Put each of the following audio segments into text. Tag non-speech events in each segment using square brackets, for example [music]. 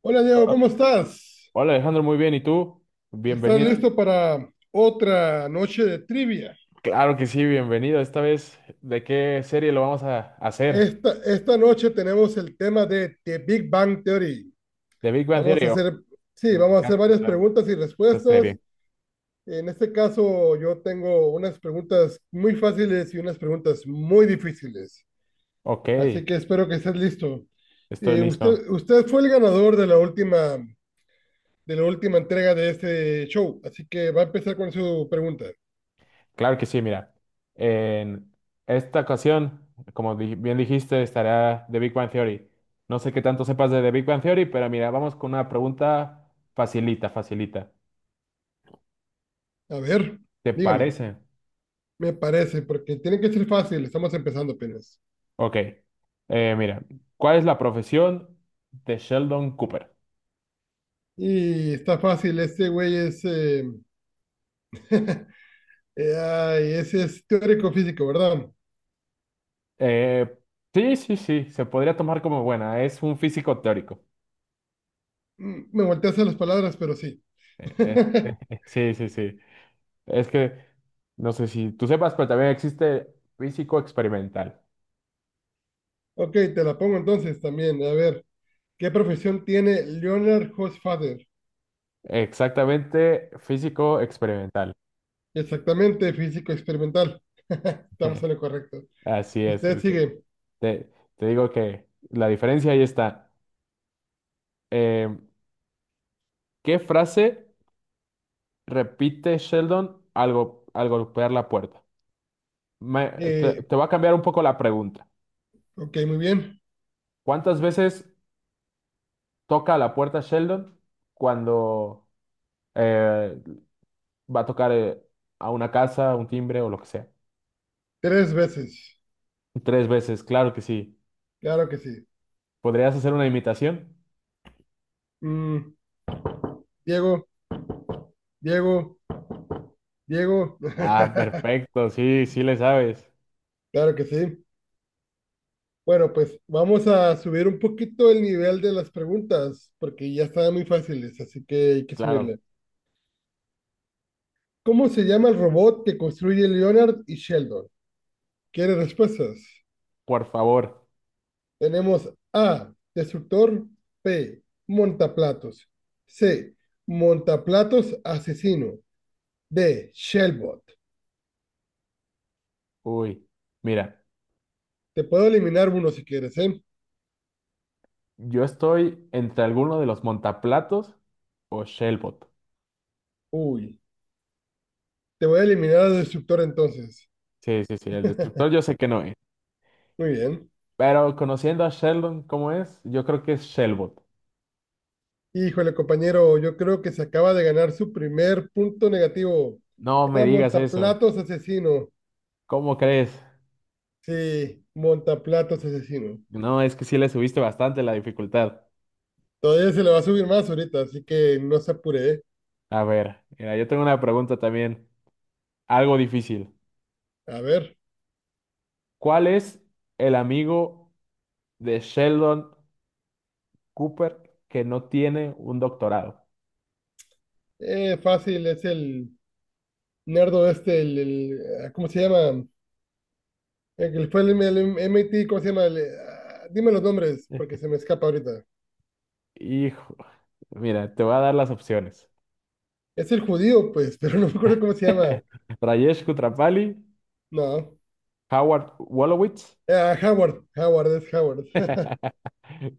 Hola Diego, ¿cómo estás? Hola Alejandro, muy bien. ¿Y tú? ¿Estás Bienvenido. listo para otra noche de trivia? Claro que sí, bienvenido. Esta vez, ¿de qué serie lo vamos a hacer? Esta noche tenemos el tema de The Big Bang Theory. ¿De Big Bang Vamos a Theory? Oh, hacer, sí, me Vamos a hacer encanta varias esta, preguntas y esta respuestas. serie. En este caso, yo tengo unas preguntas muy fáciles y unas preguntas muy difíciles. Ok, Así que espero que estés listo. estoy Eh, listo. usted, usted fue el ganador de la última entrega de este show, así que va a empezar con su pregunta. Claro que sí, mira. En esta ocasión, como bien dijiste, estará The Big Bang Theory. No sé qué tanto sepas de The Big Bang Theory, pero mira, vamos con una pregunta facilita, facilita. A ver, ¿Te dígame. parece? Me parece, porque tiene que ser fácil, estamos empezando apenas. Ok. Mira, ¿cuál es la profesión de Sheldon Cooper? Y está fácil, este güey es, ese es teórico físico, ¿verdad? Eh, sí, sí, sí, se podría tomar como buena. Es un físico teórico. Mm, me volteas a las palabras, pero sí. Eh, [laughs] sí, sí, sí. Es que no sé si tú sepas, pero también existe físico experimental. Ok, te la pongo entonces también. A ver, ¿qué profesión tiene Leonard Hofstadter? Exactamente, físico experimental. Exactamente, físico experimental. [laughs] Estamos [laughs] en lo correcto. Así es. Usted sigue. te- Te digo que la diferencia ahí está. Eh, ¿Qué frase repite Sheldon al golpear la puerta? Me- Eh, Te voy a cambiar un poco la pregunta. ok, muy bien. ¿Cuántas veces toca a la puerta Sheldon cuando eh, va a tocar a una casa, un timbre o lo que sea. Tres veces. Tres veces, claro que sí. Claro que sí. ¿Podrías hacer una imitación? Mm, Diego, Diego, Diego. Ah, [laughs] perfecto, sí, sí le sabes. Claro que sí. Bueno, pues vamos a subir un poquito el nivel de las preguntas, porque ya estaban muy fáciles, así que hay que Claro, subirle. ¿Cómo se llama el robot que construye Leonard y Sheldon? ¿Quiere respuestas? por favor. Tenemos A, destructor; B, montaplatos; C, montaplatos asesino; D, Shellbot. Uy, mira, Te puedo eliminar uno si quieres, ¿eh? yo estoy entre alguno de los montaplatos o Shellbot. Uy, te voy a eliminar al destructor entonces. Sí, sí, sí, el destructor yo sé que no es. Muy bien. Pero conociendo a Sheldon cómo es, yo creo que es Shellbot. Híjole, compañero, yo creo que se acaba de ganar su primer punto negativo. No me Era digas eso. Montaplatos Asesino. ¿Cómo crees? Sí, Montaplatos Asesino. No, es que sí le subiste bastante la dificultad. Todavía se le va a subir más ahorita, así que no se apure, ¿eh? A ver, mira, yo tengo una pregunta también, algo difícil. A ver, ¿Cuál es el amigo de Sheldon Cooper que no tiene un doctorado? Fácil, es el nerdo este, ah, ¿cómo se llama? El que fue el MIT, ¿cómo se llama? El, ah, dime los nombres, Eh, porque se me escapa ahorita. Hijo, mira, te voy a dar las opciones. Es el judío, pues, [laughs] pero no me acuerdo cómo se llama. [laughs] Rajesh Kutrapali, No, Howard Wolowitz. ah, Howard, es Howard. [laughs] [laughs]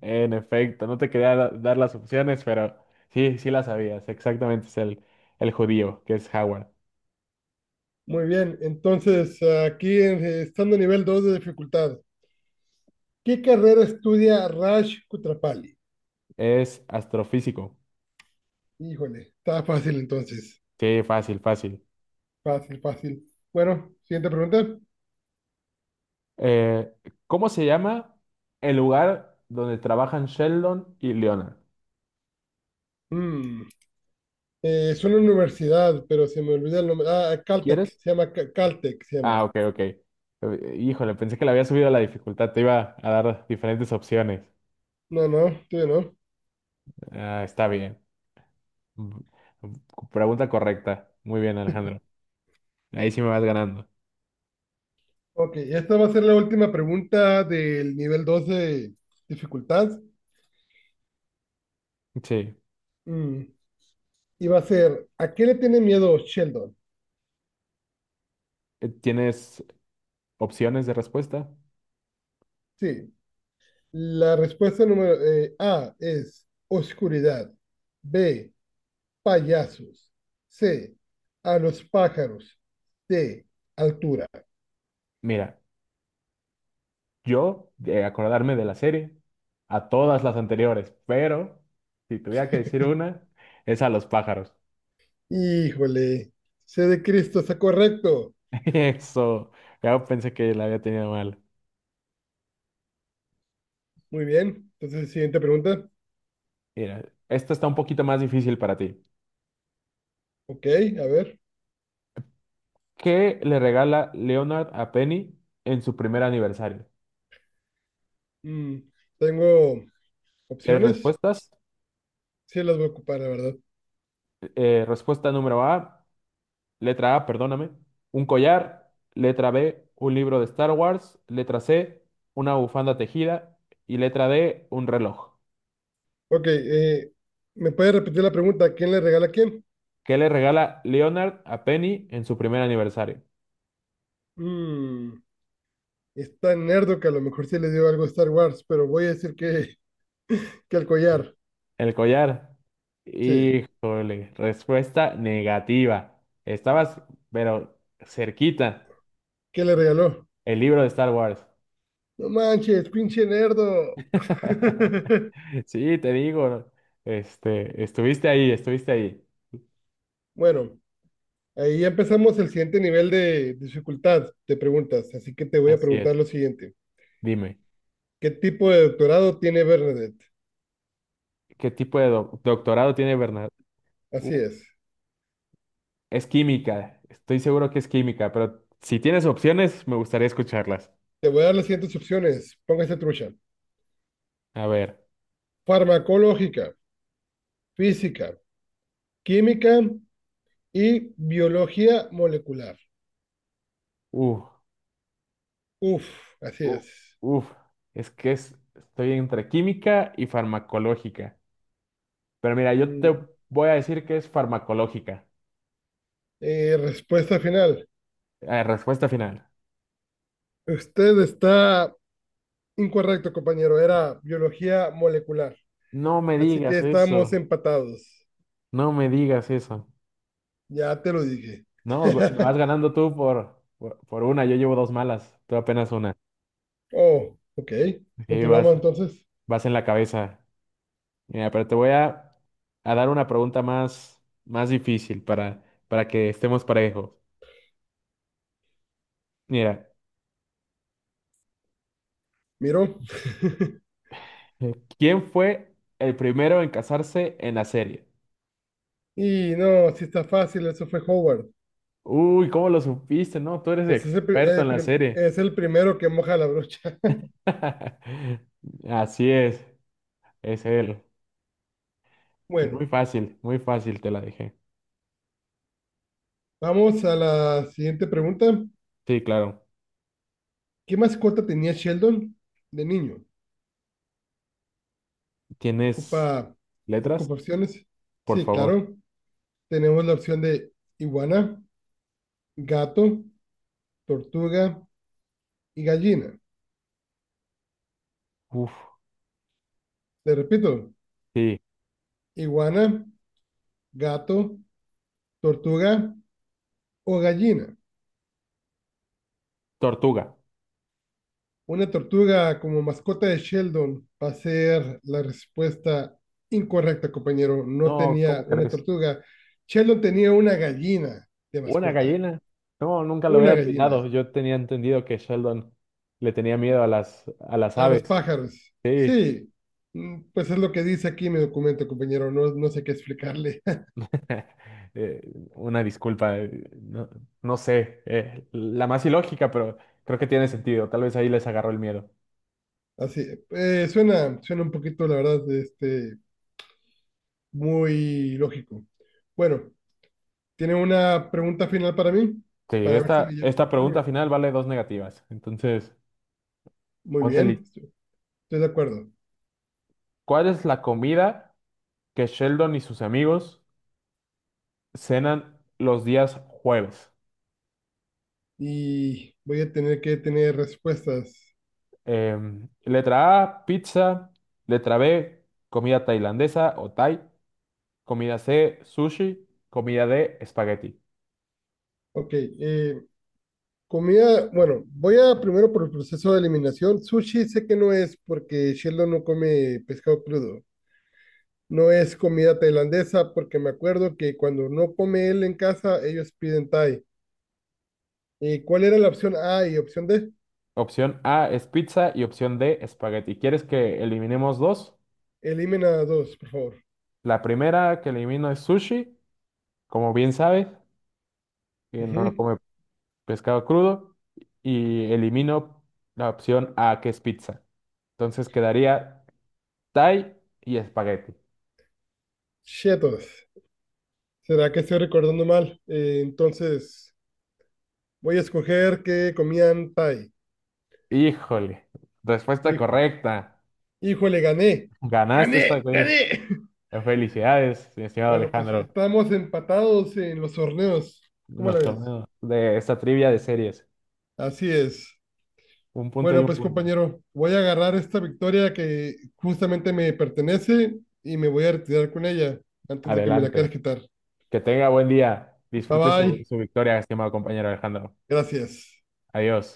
En efecto, no te quería dar las opciones, pero sí, sí las sabías. Exactamente, es el judío, que es Howard. Muy bien, entonces aquí estando a nivel 2 de dificultad, ¿qué carrera estudia Raj Kutrapali? Es astrofísico. Híjole, está fácil entonces, Sí, fácil, fácil. fácil, fácil. Bueno, siguiente pregunta. Eh, ¿Cómo se llama el lugar donde trabajan Sheldon y Leonard? Mm, es una universidad, pero se me olvida el nombre. Ah, Caltech, ¿Quieres? se llama, Caltech, se llama. Ah, ok, ok. Híjole, pensé que le había subido la dificultad. Te iba a dar diferentes opciones. No, no, todavía no. Ah, está bien. Mm, pregunta correcta. Muy bien, Alejandro. Ahí sí me vas ganando. Ok, esta va a ser la última pregunta del nivel 2 de dificultad. Sí. Mm, y va a ser, ¿a qué le tiene miedo Sheldon? ¿Tienes opciones de respuesta? Sí, la respuesta número A es oscuridad. B, payasos. C, a los pájaros. D, altura. Mira, yo de acordarme de la serie a todas las anteriores, pero si tuviera que decir una, es a los pájaros. Híjole, C de Cristo, está correcto. [laughs] Eso, ya pensé que la había tenido mal. Muy bien, entonces siguiente pregunta. Mira, esta está un poquito más difícil para ti. Ok, a ver. ¿Qué le regala Leonard a Penny en su primer aniversario? Mm, tengo ¿Quieres opciones. respuestas? Sí, las voy a ocupar, la verdad. Respuesta número A, letra A, perdóname, un collar, letra B, un libro de Star Wars, letra C, una bufanda tejida y letra D, un reloj. Ok, ¿me puede repetir la pregunta? ¿Quién le regala a quién? ¿Qué le regala Leonard a Penny en su primer aniversario? Mm, está nerdo que a lo mejor sí le dio algo a Star Wars, pero voy a decir que... Que el collar, El collar. sí. Híjole, respuesta negativa. Estabas, pero cerquita. ¿Qué le regaló? El libro de Star Wars. No manches, pinche nerdo. [laughs] [laughs] Sí, te digo. Estuviste ahí, estuviste ahí. Bueno, ahí ya empezamos el siguiente nivel de dificultad de preguntas, así que te voy a Así preguntar es. lo siguiente. Dime, ¿Qué tipo de doctorado tiene Bernadette? ¿qué tipo de doctorado tiene Bernard? Uh, Así es. Es química. Estoy seguro que es química, pero si tienes opciones, me gustaría escucharlas. Te voy a dar las siguientes opciones. Póngase trucha. A ver. Farmacológica, física, química y biología molecular. Uh, Uf, así uh, es. Uf. Es que estoy entre química y farmacológica. Pero mira, yo te Mm, voy a decir que es farmacológica. Respuesta final. Respuesta final. Usted está incorrecto, compañero, era biología molecular. No me Así que digas estamos eso. empatados. No me digas eso. Ya te lo dije. No, vas [laughs] ganando tú por una. Yo llevo dos malas. Tú apenas una. Oh, ok. Sí, Continuamos entonces. vas en la cabeza. Mira, pero te voy a dar una pregunta más, más difícil para que estemos parejos. Mira, Miro. [laughs] ¿Quién fue el primero en casarse en la serie? Y no, si está fácil, eso fue Howard. Uy, ¿cómo lo supiste? No, tú eres Pues es el, experto en la serie. es el primero que moja la brocha. [laughs] [laughs] Así es él. Bueno, Muy fácil te la dejé. vamos a la siguiente pregunta. Sí, claro. ¿Qué mascota tenía Sheldon de niño? ¿Tienes Ocupa, letras? ocupa opciones. Por Sí, favor. claro. Tenemos la opción de iguana, gato, tortuga y gallina. Uf, Le repito, sí. iguana, gato, tortuga o gallina. Tortuga. Una tortuga como mascota de Sheldon va a ser la respuesta incorrecta, compañero. No No, ¿cómo tenía una crees? tortuga. Sheldon tenía una gallina de ¿Una mascota. gallina? No, nunca lo Una hubiera gallina. adivinado. Yo tenía entendido que Sheldon le tenía miedo a a las A los aves. pájaros. Sí. Sí, mm, pues es lo que dice aquí mi documento, compañero. No, no sé qué explicarle. [laughs] Eh, una disculpa. No, no sé. La más ilógica, pero creo que tiene sentido. Tal vez ahí les agarró el miedo. [laughs] Así, suena, suena un poquito, la verdad, este, muy lógico. Bueno, ¿tiene una pregunta final para mí? Sí, Para ver si me llevo esta el pregunta premio. final vale dos negativas. Entonces, Muy ponte bien, listo. Estoy de acuerdo. ¿Cuál es la comida que Sheldon y sus amigos cenan los días jueves? Y voy a tener que tener respuestas. Em, letra A, pizza. Letra B, comida tailandesa o Thai. Comida C, sushi. Comida D, espagueti. Ok, comida, bueno, voy a primero por el proceso de eliminación. Sushi sé que no es porque Sheldon no come pescado crudo. No es comida tailandesa porque me acuerdo que cuando no come él en casa, ellos piden Thai. ¿Cuál era la opción A y opción D? Opción A es pizza y opción D, espagueti. ¿Quieres que eliminemos dos? Elimina dos, por favor. La primera que elimino es sushi, como bien sabes, que no Ujú. come pescado crudo y elimino la opción A, que es pizza. Entonces quedaría Thai y espagueti. Chetos. ¿Será que estoy recordando mal? Entonces, voy a escoger que comían Thai. Híjole, respuesta Híjole. correcta. Híjole, gané. Ganaste esta ¡Gané! vez. ¡Gané! [laughs] Felicidades, estimado Bueno, pues Alejandro, estamos empatados en los torneos. en ¿Cómo la los ves? torneos de esta trivia de series. Así es. Un punto y Bueno, un pues punto. compañero, voy a agarrar esta victoria que justamente me pertenece y me voy a retirar con ella antes de que me la quieras Adelante. quitar. Que tenga buen día. Bye Disfrute su, bye. su victoria, estimado compañero Alejandro. Gracias. Adiós.